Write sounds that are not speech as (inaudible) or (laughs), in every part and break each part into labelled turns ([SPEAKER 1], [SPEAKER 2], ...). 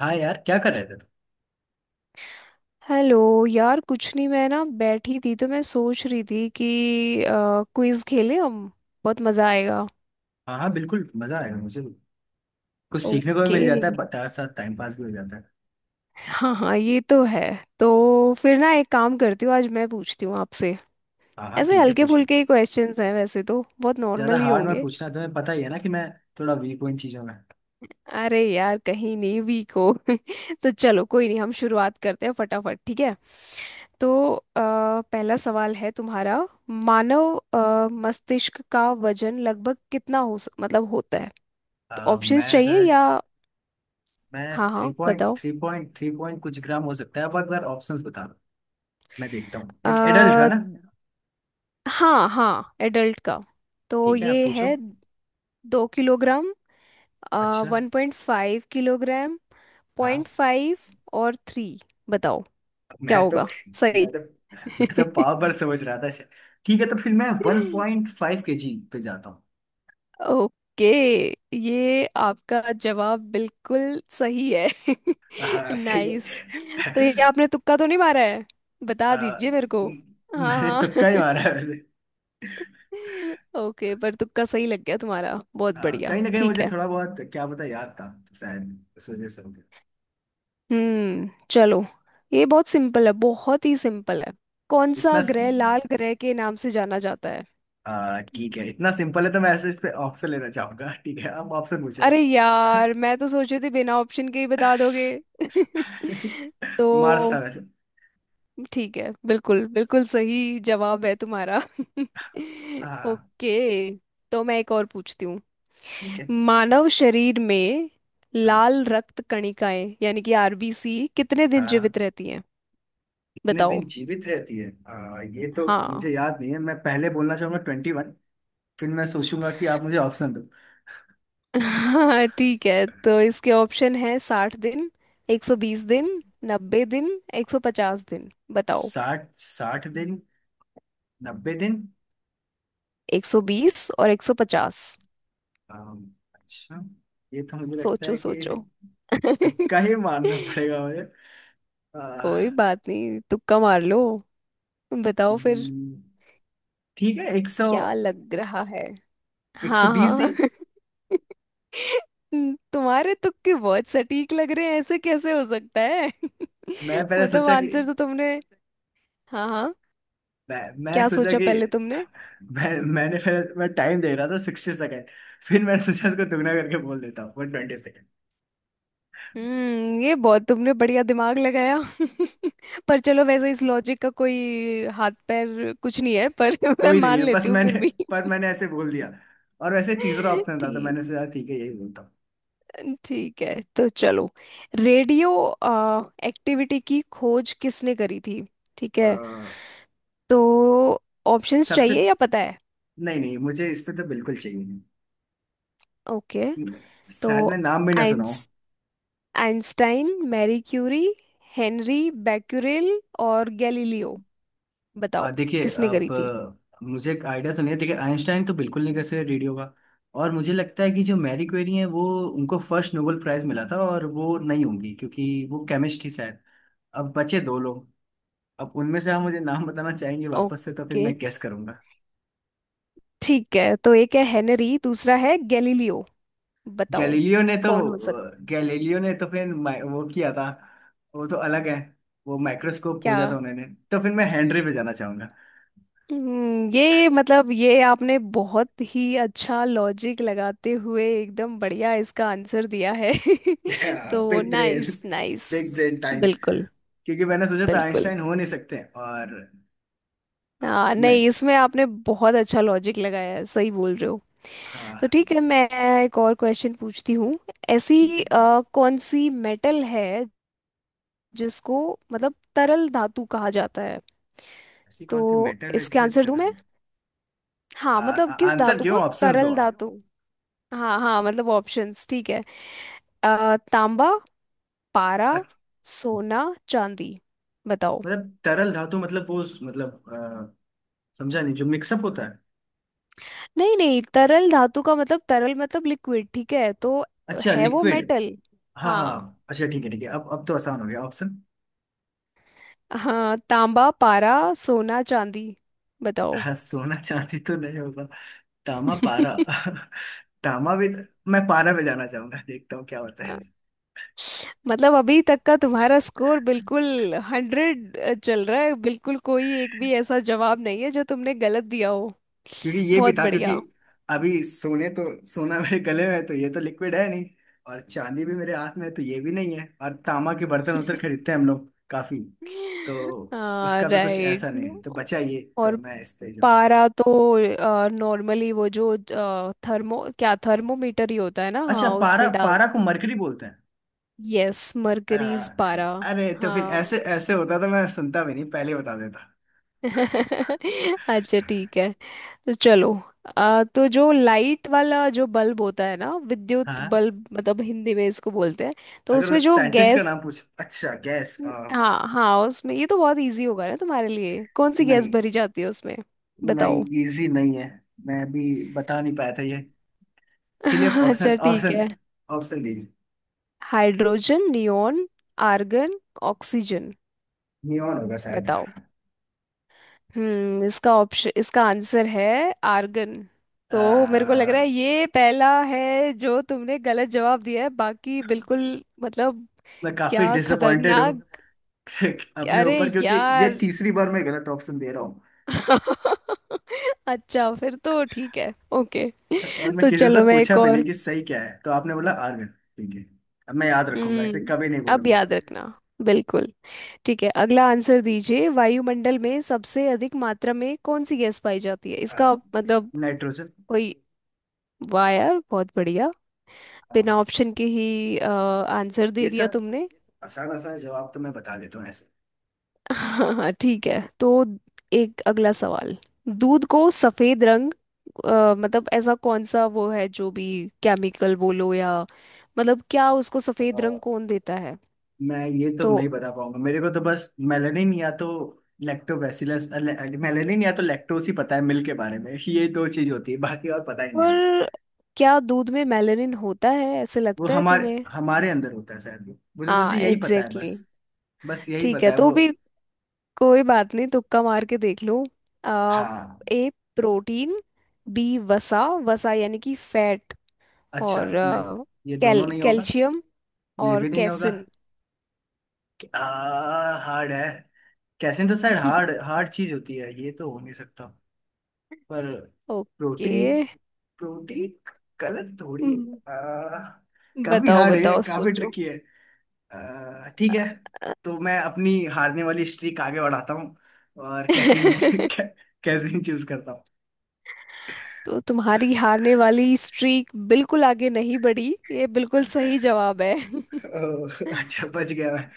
[SPEAKER 1] हाँ यार क्या कर रहे थे तुम।
[SPEAKER 2] हेलो। यार कुछ नहीं, मैं ना बैठी थी तो मैं सोच रही थी कि क्विज खेलें हम। बहुत मज़ा आएगा।
[SPEAKER 1] हाँ हाँ बिल्कुल मजा आएगा मुझे भी। कुछ सीखने को भी
[SPEAKER 2] ओके।
[SPEAKER 1] मिल जाता है बता, साथ टाइम पास भी हो जाता है।
[SPEAKER 2] हाँ हाँ, ये तो है। तो फिर ना एक काम करती हूँ, आज मैं पूछती हूँ आपसे।
[SPEAKER 1] हाँ हाँ
[SPEAKER 2] ऐसे
[SPEAKER 1] ठीक है
[SPEAKER 2] हल्के
[SPEAKER 1] पूछो।
[SPEAKER 2] फुल्के ही क्वेश्चंस हैं, वैसे तो बहुत
[SPEAKER 1] ज्यादा
[SPEAKER 2] नॉर्मल ही
[SPEAKER 1] हार्ड मत
[SPEAKER 2] होंगे।
[SPEAKER 1] पूछना, तुम्हें पता ही है ना कि मैं थोड़ा वीक हूँ इन चीजों में।
[SPEAKER 2] अरे यार, कहीं नहीं वीक हो। (laughs) तो चलो, कोई नहीं, हम शुरुआत करते हैं फटाफट, ठीक है। तो अ, पहला सवाल है तुम्हारा। मानव मस्तिष्क का वजन लगभग कितना हो मतलब होता है। ऑप्शंस
[SPEAKER 1] मैं
[SPEAKER 2] चाहिए
[SPEAKER 1] सर।
[SPEAKER 2] या?
[SPEAKER 1] मैं
[SPEAKER 2] हाँ
[SPEAKER 1] थ्री
[SPEAKER 2] हाँ,
[SPEAKER 1] पॉइंट
[SPEAKER 2] बताओ।
[SPEAKER 1] थ्री पॉइंट थ्री पॉइंट कुछ ग्राम हो सकता है, अब एक बार ऑप्शंस बता दो। मैं देखता हूँ एक एडल्ट का
[SPEAKER 2] आ,
[SPEAKER 1] ना।
[SPEAKER 2] हाँ हाँ, एडल्ट का। तो
[SPEAKER 1] ठीक है आप
[SPEAKER 2] ये
[SPEAKER 1] पूछो।
[SPEAKER 2] है। 2 किलोग्राम,
[SPEAKER 1] अच्छा।
[SPEAKER 2] 1.5 किलोग्राम, पॉइंट
[SPEAKER 1] हाँ।
[SPEAKER 2] फाइव और थ्री। बताओ क्या
[SPEAKER 1] मैं तो
[SPEAKER 2] होगा सही।
[SPEAKER 1] मैं तो
[SPEAKER 2] (laughs)
[SPEAKER 1] मैं तो पाव पर समझ रहा था इसे। ठीक है तो फिर मैं 1.5 KG पे जाता हूँ।
[SPEAKER 2] ओके, ये आपका जवाब बिल्कुल सही है।
[SPEAKER 1] हाँ
[SPEAKER 2] (laughs)
[SPEAKER 1] सही
[SPEAKER 2] नाइस।
[SPEAKER 1] है।
[SPEAKER 2] तो ये आपने तुक्का तो नहीं मारा है? बता
[SPEAKER 1] आ,
[SPEAKER 2] दीजिए मेरे को।
[SPEAKER 1] म-
[SPEAKER 2] हाँ
[SPEAKER 1] मैंने
[SPEAKER 2] हाँ।
[SPEAKER 1] तुक्का ही मारा
[SPEAKER 2] (laughs)
[SPEAKER 1] है वैसे।
[SPEAKER 2] ओके, पर तुक्का सही लग गया तुम्हारा। बहुत
[SPEAKER 1] हाँ
[SPEAKER 2] बढ़िया,
[SPEAKER 1] कहीं ना कहीं
[SPEAKER 2] ठीक
[SPEAKER 1] मुझे
[SPEAKER 2] है।
[SPEAKER 1] थोड़ा बहुत क्या पता याद था, तो शायद इस वजह से हो गया।
[SPEAKER 2] चलो। ये बहुत सिंपल है, बहुत ही सिंपल है। कौन सा
[SPEAKER 1] इतना स-
[SPEAKER 2] ग्रह लाल ग्रह के नाम से जाना जाता है?
[SPEAKER 1] ठीक है इतना सिंपल है तो मैं ऐसे इस पे ऑप्शन लेना चाहूंगा, ठीक है आप ऑप्शन पूछो
[SPEAKER 2] अरे
[SPEAKER 1] वैसे।
[SPEAKER 2] यार, मैं तो सोच रही थी बिना ऑप्शन के ही बता दोगे। (laughs)
[SPEAKER 1] (laughs)
[SPEAKER 2] तो
[SPEAKER 1] मार्स था वैसे।
[SPEAKER 2] ठीक है, बिल्कुल बिल्कुल सही जवाब है तुम्हारा। (laughs)
[SPEAKER 1] हाँ
[SPEAKER 2] ओके। तो मैं एक और पूछती हूँ।
[SPEAKER 1] ठीक है।
[SPEAKER 2] मानव शरीर में लाल रक्त कणिकाएं यानी कि आरबीसी कितने
[SPEAKER 1] हाँ
[SPEAKER 2] दिन
[SPEAKER 1] हाँ
[SPEAKER 2] जीवित रहती हैं?
[SPEAKER 1] कितने
[SPEAKER 2] बताओ।
[SPEAKER 1] दिन जीवित रहती है, ये तो
[SPEAKER 2] हाँ।
[SPEAKER 1] मुझे याद नहीं है, मैं पहले बोलना चाहूंगा 21। फिर मैं सोचूंगा कि आप मुझे ऑप्शन दो।
[SPEAKER 2] (laughs) हाँ ठीक है, तो इसके ऑप्शन है 60 दिन, 120 दिन, 90 दिन, 150 दिन। बताओ।
[SPEAKER 1] साठ साठ दिन। 90 दिन।
[SPEAKER 2] 120 और 150।
[SPEAKER 1] अच्छा। ये तो मुझे लगता
[SPEAKER 2] सोचो
[SPEAKER 1] है
[SPEAKER 2] सोचो।
[SPEAKER 1] कि
[SPEAKER 2] (laughs)
[SPEAKER 1] तुक्का ही मारना पड़ेगा मुझे। आह,
[SPEAKER 2] कोई बात नहीं, तुक्का मार लो। बताओ फिर।
[SPEAKER 1] हम्म, ठीक है एक सौ,
[SPEAKER 2] क्या लग रहा है?
[SPEAKER 1] एक
[SPEAKER 2] हाँ
[SPEAKER 1] सौ बीस
[SPEAKER 2] हाँ।
[SPEAKER 1] दिन।
[SPEAKER 2] (laughs) तुम्हारे तुक्के बहुत सटीक लग रहे हैं, ऐसे कैसे हो सकता है? (laughs)
[SPEAKER 1] मैं पहले
[SPEAKER 2] मतलब
[SPEAKER 1] सोचा कि
[SPEAKER 2] आंसर तो तुमने। हाँ हाँ।
[SPEAKER 1] मैं
[SPEAKER 2] क्या
[SPEAKER 1] सोचा
[SPEAKER 2] सोचा
[SPEAKER 1] कि
[SPEAKER 2] पहले तुमने?
[SPEAKER 1] मैं मैंने पहले मैं टाइम दे रहा था 60 सेकेंड, फिर मैंने सोचा इसको दुगना करके बोल देता हूँ 120 सेकेंड।
[SPEAKER 2] ये बहुत तुमने बढ़िया दिमाग लगाया। (laughs) पर चलो, वैसे इस लॉजिक का कोई हाथ पैर कुछ नहीं है, पर (laughs) मैं
[SPEAKER 1] कोई नहीं
[SPEAKER 2] मान
[SPEAKER 1] है, बस
[SPEAKER 2] लेती हूँ फिर
[SPEAKER 1] मैंने,
[SPEAKER 2] भी।
[SPEAKER 1] पर मैंने ऐसे बोल दिया। और वैसे तीसरा
[SPEAKER 2] (laughs)
[SPEAKER 1] ऑप्शन था तो
[SPEAKER 2] ठीक।
[SPEAKER 1] मैंने सोचा ठीक है यही बोलता हूँ।
[SPEAKER 2] ठीक है तो चलो। रेडियो एक्टिविटी की खोज किसने करी थी? ठीक है।
[SPEAKER 1] आह,
[SPEAKER 2] तो ऑप्शंस
[SPEAKER 1] सबसे,
[SPEAKER 2] चाहिए या पता है?
[SPEAKER 1] नहीं नहीं मुझे इसमें तो बिल्कुल चाहिए।
[SPEAKER 2] ओके।
[SPEAKER 1] नहीं
[SPEAKER 2] तो
[SPEAKER 1] शायद मैं नाम भी ना सुनाऊं।
[SPEAKER 2] आइंस Einstein, Marie Curie, Henri Becquerel और गैलीलियो। बताओ
[SPEAKER 1] देखिए
[SPEAKER 2] किसने करी
[SPEAKER 1] अब
[SPEAKER 2] थी।
[SPEAKER 1] मुझे एक आइडिया तो नहीं है, देखिए आइंस्टाइन तो बिल्कुल नहीं कर सकते रेडियो का। और मुझे लगता है कि जो मैरी क्वेरी है वो, उनको फर्स्ट नोबेल प्राइज मिला था और वो नहीं होंगी क्योंकि वो केमिस्ट थी शायद। अब बचे दो लोग। अब उनमें से आप मुझे नाम बताना चाहेंगे वापस से, तो फिर
[SPEAKER 2] ओके,
[SPEAKER 1] मैं गेस करूंगा।
[SPEAKER 2] ठीक है। तो एक है हेनरी, दूसरा है गैलीलियो। बताओ,
[SPEAKER 1] गैलीलियो ने तो
[SPEAKER 2] कौन हो सकता है?
[SPEAKER 1] गैलीलियो ने तो फिर वो किया था, वो तो अलग है, वो माइक्रोस्कोप
[SPEAKER 2] क्या।
[SPEAKER 1] खोजा था उन्होंने। तो फिर मैं हेनरी पे जाना चाहूंगा।
[SPEAKER 2] ये मतलब ये आपने बहुत ही अच्छा लॉजिक लगाते हुए एकदम बढ़िया इसका आंसर दिया है।
[SPEAKER 1] (laughs)
[SPEAKER 2] (laughs) तो
[SPEAKER 1] big brain.
[SPEAKER 2] Nice nice.
[SPEAKER 1] Big brain time.
[SPEAKER 2] बिल्कुल।
[SPEAKER 1] क्योंकि मैंने सोचा था
[SPEAKER 2] बिल्कुल।
[SPEAKER 1] आइंस्टाइन हो नहीं सकते और
[SPEAKER 2] हाँ,
[SPEAKER 1] मैं।
[SPEAKER 2] नहीं इसमें आपने बहुत अच्छा लॉजिक लगाया है, सही बोल रहे हो। तो
[SPEAKER 1] हाँ।
[SPEAKER 2] ठीक है, मैं एक और क्वेश्चन पूछती हूँ। ऐसी
[SPEAKER 1] लेकिन
[SPEAKER 2] कौन सी मेटल है जिसको मतलब तरल धातु कहा जाता है?
[SPEAKER 1] ऐसी कौन सी
[SPEAKER 2] तो
[SPEAKER 1] मेटल है
[SPEAKER 2] इसके
[SPEAKER 1] जिसे
[SPEAKER 2] आंसर दूं मैं?
[SPEAKER 1] तरल।
[SPEAKER 2] हाँ,
[SPEAKER 1] आ-
[SPEAKER 2] मतलब किस
[SPEAKER 1] आंसर
[SPEAKER 2] धातु
[SPEAKER 1] क्यों,
[SPEAKER 2] को
[SPEAKER 1] ऑप्शंस दो
[SPEAKER 2] तरल
[SPEAKER 1] आप।
[SPEAKER 2] धातु। हाँ हाँ, मतलब ऑप्शंस, ठीक है। तांबा, पारा,
[SPEAKER 1] अच्छा,
[SPEAKER 2] सोना, चांदी। बताओ।
[SPEAKER 1] मतलब तरल धातु मतलब वो उस- मतलब अ, समझा नहीं जो मिक्सअप होता है।
[SPEAKER 2] नहीं नहीं, तरल धातु का मतलब तरल मतलब लिक्विड, ठीक है? तो
[SPEAKER 1] अच्छा
[SPEAKER 2] है वो
[SPEAKER 1] लिक्विड।
[SPEAKER 2] मेटल।
[SPEAKER 1] हाँ
[SPEAKER 2] हाँ
[SPEAKER 1] हाँ अच्छा ठीक है, ठीक है अब तो आसान हो गया ऑप्शन।
[SPEAKER 2] हाँ, तांबा, पारा, सोना, चांदी। बताओ।
[SPEAKER 1] हाँ, सोना चांदी तो नहीं होगा। तामा पारा
[SPEAKER 2] (laughs)
[SPEAKER 1] (laughs) तामा भी। मैं पारा पे जाना चाहूंगा, देखता हूँ क्या होता है।
[SPEAKER 2] मतलब अभी तक का तुम्हारा स्कोर बिल्कुल 100 चल रहा है, बिल्कुल कोई एक भी ऐसा जवाब नहीं है जो तुमने गलत दिया हो।
[SPEAKER 1] क्योंकि ये भी
[SPEAKER 2] बहुत
[SPEAKER 1] था, क्योंकि
[SPEAKER 2] बढ़िया।
[SPEAKER 1] अभी सोने तो सोना मेरे गले में है तो ये तो लिक्विड है नहीं। और चांदी भी मेरे हाथ में है तो ये भी नहीं है, और तांबा के बर्तन उधर खरीदते हैं हम लोग काफी, तो
[SPEAKER 2] (laughs)
[SPEAKER 1] उसका भी कुछ ऐसा
[SPEAKER 2] राइट।
[SPEAKER 1] नहीं है। तो बचा ये, तो
[SPEAKER 2] और
[SPEAKER 1] मैं इस पे जाऊँ।
[SPEAKER 2] पारा तो नॉर्मली वो जो थर्मोमीटर ही होता है ना,
[SPEAKER 1] अच्छा
[SPEAKER 2] हाँ
[SPEAKER 1] पारा,
[SPEAKER 2] उसमें डाल।
[SPEAKER 1] पारा को मरकरी बोलते हैं।
[SPEAKER 2] यस,
[SPEAKER 1] आ,
[SPEAKER 2] मर्करीज पारा।
[SPEAKER 1] अरे तो फिर
[SPEAKER 2] हाँ।
[SPEAKER 1] ऐसे ऐसे होता तो मैं सुनता भी नहीं, पहले बता देता।
[SPEAKER 2] (laughs) अच्छा ठीक है। तो चलो तो जो लाइट वाला जो बल्ब होता है ना, विद्युत
[SPEAKER 1] हाँ
[SPEAKER 2] बल्ब मतलब हिंदी में इसको बोलते हैं, तो
[SPEAKER 1] अगर
[SPEAKER 2] उसमें
[SPEAKER 1] वो
[SPEAKER 2] जो
[SPEAKER 1] साइंटिस्ट का
[SPEAKER 2] गैस।
[SPEAKER 1] नाम पूछ, अच्छा गैस।
[SPEAKER 2] हाँ हाँ, उसमें ये तो बहुत इजी होगा ना तुम्हारे लिए, कौन सी गैस
[SPEAKER 1] नहीं,
[SPEAKER 2] भरी जाती है उसमें?
[SPEAKER 1] नहीं
[SPEAKER 2] बताओ। (laughs)
[SPEAKER 1] इजी नहीं है, मैं भी बता नहीं पाया था ये। चलिए आप
[SPEAKER 2] अच्छा
[SPEAKER 1] ऑप्शन,
[SPEAKER 2] ठीक
[SPEAKER 1] ऑप्शन,
[SPEAKER 2] है।
[SPEAKER 1] ऑप्शन दीजिए।
[SPEAKER 2] Hydrogen, neon, argon, oxygen.
[SPEAKER 1] Neon होगा शायद।
[SPEAKER 2] बताओ। इसका ऑप्शन, इसका आंसर है आर्गन। तो मेरे को लग
[SPEAKER 1] आ,
[SPEAKER 2] रहा है ये पहला है जो तुमने गलत जवाब दिया है, बाकी बिल्कुल मतलब।
[SPEAKER 1] मैं काफी
[SPEAKER 2] क्या
[SPEAKER 1] डिसअपॉइंटेड हूँ
[SPEAKER 2] खतरनाक।
[SPEAKER 1] (laughs) अपने
[SPEAKER 2] अरे
[SPEAKER 1] ऊपर, क्योंकि ये
[SPEAKER 2] यार।
[SPEAKER 1] तीसरी बार मैं गलत ऑप्शन दे रहा हूँ।
[SPEAKER 2] (laughs) अच्छा फिर तो ठीक है। ओके,
[SPEAKER 1] और मैं
[SPEAKER 2] तो
[SPEAKER 1] किसी से
[SPEAKER 2] चलो मैं
[SPEAKER 1] पूछा
[SPEAKER 2] एक
[SPEAKER 1] भी नहीं
[SPEAKER 2] और।
[SPEAKER 1] कि सही क्या है, तो आपने बोला आर्गन ठीक है। अब मैं याद रखूंगा इसे, कभी नहीं
[SPEAKER 2] हम्म अब
[SPEAKER 1] बोलूंगा।
[SPEAKER 2] याद रखना। बिल्कुल। ठीक है, अगला आंसर दीजिए। वायुमंडल में सबसे अधिक मात्रा में कौन सी गैस पाई जाती है
[SPEAKER 1] आ,
[SPEAKER 2] इसका मतलब?
[SPEAKER 1] नाइट्रोजन।
[SPEAKER 2] कोई। वाह यार, बहुत बढ़िया।
[SPEAKER 1] हाँ
[SPEAKER 2] बिना ऑप्शन के ही आंसर
[SPEAKER 1] ये
[SPEAKER 2] दे दिया
[SPEAKER 1] सब
[SPEAKER 2] तुमने।
[SPEAKER 1] आसान आसान जवाब तो मैं बता देता हूँ ऐसे।
[SPEAKER 2] (laughs) हाँ ठीक है। तो एक अगला सवाल। दूध को सफेद रंग मतलब ऐसा कौन सा वो है जो भी केमिकल बोलो या मतलब क्या उसको सफेद
[SPEAKER 1] आ,
[SPEAKER 2] रंग कौन देता है?
[SPEAKER 1] मैं ये तो
[SPEAKER 2] तो।
[SPEAKER 1] नहीं बता पाऊंगा, मेरे को तो बस मेलानिन या तो लैक्टोबैसिलस, मेलानिन या तो लैक्टोस ही पता है मिल्क के बारे में, ये दो चीज होती है बाकी और पता ही नहीं है मुझे।
[SPEAKER 2] और क्या दूध में मेलानिन होता है ऐसे
[SPEAKER 1] वो
[SPEAKER 2] लगता है
[SPEAKER 1] हमारे
[SPEAKER 2] तुम्हें?
[SPEAKER 1] हमारे अंदर होता है शायद वो, मुझे बस
[SPEAKER 2] हाँ
[SPEAKER 1] यही पता है
[SPEAKER 2] एग्जैक्टली।
[SPEAKER 1] बस। बस यही
[SPEAKER 2] ठीक
[SPEAKER 1] पता
[SPEAKER 2] है
[SPEAKER 1] है
[SPEAKER 2] तो
[SPEAKER 1] वो।
[SPEAKER 2] भी। कोई बात नहीं, तुक्का मार के देख लो। आ,
[SPEAKER 1] हाँ।
[SPEAKER 2] ए प्रोटीन, बी वसा वसा यानी कि फैट,
[SPEAKER 1] अच्छा
[SPEAKER 2] और
[SPEAKER 1] नहीं, ये दोनों नहीं होगा।
[SPEAKER 2] कैल्शियम,
[SPEAKER 1] ये
[SPEAKER 2] और
[SPEAKER 1] भी नहीं होगा।
[SPEAKER 2] कैसिन।
[SPEAKER 1] क्या, हार्ड है। कैसे तो शायद हार्ड,
[SPEAKER 2] (laughs)
[SPEAKER 1] हार्ड चीज होती है, ये तो हो नहीं सकता। पर
[SPEAKER 2] ओके।
[SPEAKER 1] प्रोटीन, प्रोटीन कलर थोड़ी है।
[SPEAKER 2] हम्म,
[SPEAKER 1] आ, काफी
[SPEAKER 2] बताओ
[SPEAKER 1] हार्ड है,
[SPEAKER 2] बताओ
[SPEAKER 1] काफी
[SPEAKER 2] सोचो।
[SPEAKER 1] ट्रिकी है। ठीक है
[SPEAKER 2] अ,
[SPEAKER 1] तो मैं अपनी हारने वाली स्ट्रीक आगे बढ़ाता हूँ और कैसीन
[SPEAKER 2] (laughs)
[SPEAKER 1] (laughs) कैसीन चूज करता हूँ।
[SPEAKER 2] तो तुम्हारी हारने वाली स्ट्रीक बिल्कुल आगे नहीं बढ़ी, ये बिल्कुल सही जवाब है। (laughs)
[SPEAKER 1] ओह, अच्छा बच गया मैं।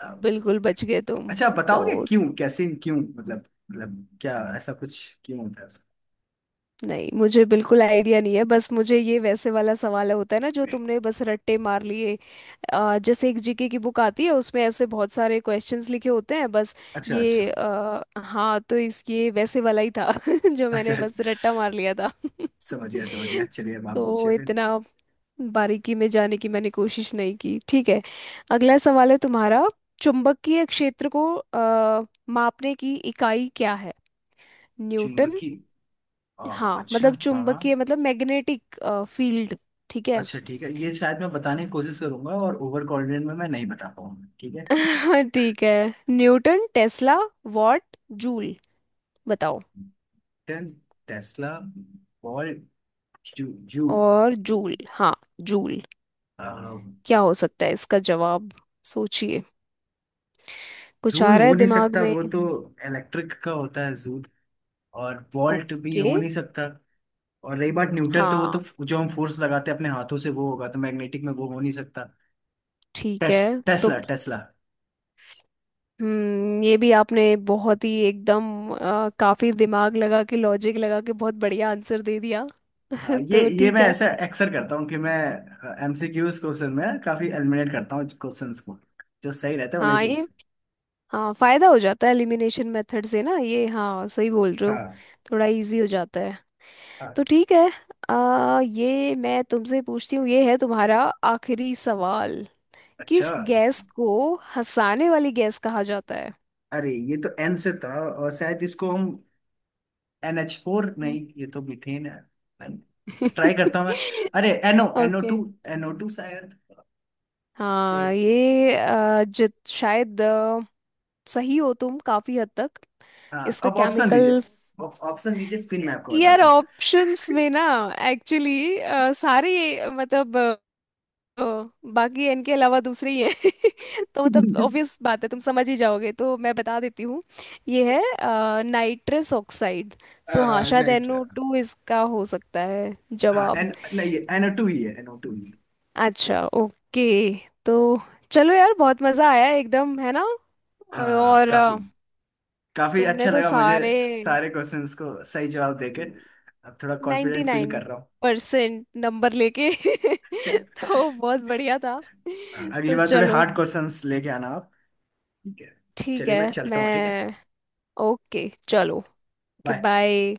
[SPEAKER 1] अम,
[SPEAKER 2] बिल्कुल बच गए तुम।
[SPEAKER 1] अच्छा आप
[SPEAKER 2] तो
[SPEAKER 1] बताओगे क्यों कैसीन क्यों, मतलब, मतलब क्या ऐसा कुछ क्यों होता है उसका?
[SPEAKER 2] नहीं, मुझे बिल्कुल आइडिया नहीं है, बस मुझे ये वैसे वाला सवाल होता है ना जो तुमने बस रट्टे मार लिए। जैसे एक जीके की बुक आती है, उसमें ऐसे बहुत सारे क्वेश्चंस लिखे होते हैं बस।
[SPEAKER 1] अच्छा अच्छा।
[SPEAKER 2] ये हाँ, तो इस ये वैसे वाला ही था (laughs) जो
[SPEAKER 1] अच्छा
[SPEAKER 2] मैंने
[SPEAKER 1] अच्छा,
[SPEAKER 2] बस रट्टा मार लिया था।
[SPEAKER 1] समझ गया समझ गया, चलिए अब
[SPEAKER 2] (laughs)
[SPEAKER 1] आप पूछिए
[SPEAKER 2] तो
[SPEAKER 1] फिर।
[SPEAKER 2] इतना बारीकी में जाने की मैंने कोशिश नहीं की, ठीक है। अगला सवाल है तुम्हारा। चुंबकीय क्षेत्र को मापने की इकाई क्या है? न्यूटन।
[SPEAKER 1] चुंबकी, आ,
[SPEAKER 2] हाँ,
[SPEAKER 1] अच्छा
[SPEAKER 2] मतलब
[SPEAKER 1] हाँ हाँ।
[SPEAKER 2] चुंबकीय मतलब मैग्नेटिक फील्ड, ठीक है।
[SPEAKER 1] अच्छा ठीक है ये शायद मैं बताने की कोशिश करूंगा और ओवर कॉन्फिडेंट में मैं नहीं बता पाऊंगा ठीक है।
[SPEAKER 2] (laughs) ठीक है, न्यूटन, टेस्ला, वॉट, जूल। बताओ।
[SPEAKER 1] न्यूटन। टेस्ला। बॉल। जू, जूल।
[SPEAKER 2] और जूल। हाँ जूल।
[SPEAKER 1] अ,
[SPEAKER 2] क्या हो सकता है इसका जवाब, सोचिए। कुछ
[SPEAKER 1] जूल
[SPEAKER 2] आ रहा
[SPEAKER 1] हो
[SPEAKER 2] है
[SPEAKER 1] नहीं
[SPEAKER 2] दिमाग
[SPEAKER 1] सकता
[SPEAKER 2] में?
[SPEAKER 1] वो तो, इलेक्ट्रिक का होता है जूल। और वोल्ट भी हो
[SPEAKER 2] ओके।
[SPEAKER 1] नहीं सकता। और रही बात न्यूटन, तो वो
[SPEAKER 2] हाँ
[SPEAKER 1] तो जो हम फोर्स लगाते हैं अपने हाथों से वो होगा, तो मैग्नेटिक में वो हो नहीं सकता।
[SPEAKER 2] ठीक
[SPEAKER 1] टेस,
[SPEAKER 2] है तो।
[SPEAKER 1] Tesla, Tesla.
[SPEAKER 2] ये भी आपने बहुत ही एकदम काफी दिमाग लगा के, लॉजिक लगा के बहुत बढ़िया आंसर दे दिया।
[SPEAKER 1] हाँ,
[SPEAKER 2] (laughs) तो
[SPEAKER 1] ये
[SPEAKER 2] ठीक
[SPEAKER 1] मैं
[SPEAKER 2] है।
[SPEAKER 1] ऐसा अक्सर करता हूँ कि मैं एमसीक्यूज क्वेश्चन में काफी एलिमिनेट करता हूँ क्वेश्चंस को, जो सही रहते हैं उन्हें
[SPEAKER 2] हाँ
[SPEAKER 1] चूज।
[SPEAKER 2] ये। हाँ, फायदा हो जाता है एलिमिनेशन मेथड से ना ये, हाँ सही बोल रहे हो। थोड़ा इजी हो जाता है। तो
[SPEAKER 1] हाँ।
[SPEAKER 2] ठीक है। ये मैं तुमसे पूछती हूँ, ये है तुम्हारा आखिरी सवाल।
[SPEAKER 1] अच्छा।
[SPEAKER 2] किस गैस को हंसाने वाली गैस कहा जाता है?
[SPEAKER 1] अरे ये तो एन से था और शायद इसको हम NH4, नहीं ये तो मीथेन है। ट्राई करता हूँ मैं।
[SPEAKER 2] (laughs)
[SPEAKER 1] अरे NO, NO
[SPEAKER 2] okay.
[SPEAKER 1] Two. NO two शायद। नहीं।
[SPEAKER 2] हाँ, ये जित शायद सही हो तुम काफी हद तक।
[SPEAKER 1] हाँ
[SPEAKER 2] इसका
[SPEAKER 1] अब ऑप्शन दीजिए
[SPEAKER 2] केमिकल।
[SPEAKER 1] अब, ऑप्शन दीजिए फिर मैं आपको
[SPEAKER 2] यार
[SPEAKER 1] बताता हूँ।
[SPEAKER 2] ऑप्शंस में ना एक्चुअली सारे मतलब ओ, बाकी इनके अलावा दूसरे ही हैं। (laughs) तो मतलब
[SPEAKER 1] (laughs)
[SPEAKER 2] ऑब्वियस बात है, तुम समझ ही जाओगे तो मैं बता देती हूँ। ये है नाइट्रस ऑक्साइड। सो हाँ, शायद एनओ
[SPEAKER 1] नाइट्रा।
[SPEAKER 2] टू इसका हो सकता है
[SPEAKER 1] हाँ
[SPEAKER 2] जवाब।
[SPEAKER 1] एन नहीं, एनओ टू ही है, एनओ टू ही है।
[SPEAKER 2] अच्छा ओके। तो चलो यार, बहुत मज़ा आया एकदम, है ना?
[SPEAKER 1] हाँ हाँ
[SPEAKER 2] और
[SPEAKER 1] काफी। काफी
[SPEAKER 2] तुमने
[SPEAKER 1] अच्छा
[SPEAKER 2] तो
[SPEAKER 1] लगा मुझे।
[SPEAKER 2] सारे
[SPEAKER 1] सारे क्वेश्चंस को सही जवाब देके अब थोड़ा
[SPEAKER 2] नाइन्टी
[SPEAKER 1] कॉन्फिडेंट फील
[SPEAKER 2] नाइन
[SPEAKER 1] कर रहा हूँ।
[SPEAKER 2] परसेंट नंबर लेके (laughs) तो बहुत बढ़िया था।
[SPEAKER 1] (laughs) अगली
[SPEAKER 2] तो
[SPEAKER 1] बार थोड़े
[SPEAKER 2] चलो
[SPEAKER 1] हार्ड क्वेश्चंस लेके आना। ठीक है।
[SPEAKER 2] ठीक
[SPEAKER 1] चलिए
[SPEAKER 2] है।
[SPEAKER 1] मैं चलता हूँ ठीक है।
[SPEAKER 2] मैं ओके, चलो, ओके
[SPEAKER 1] बाय।
[SPEAKER 2] बाय।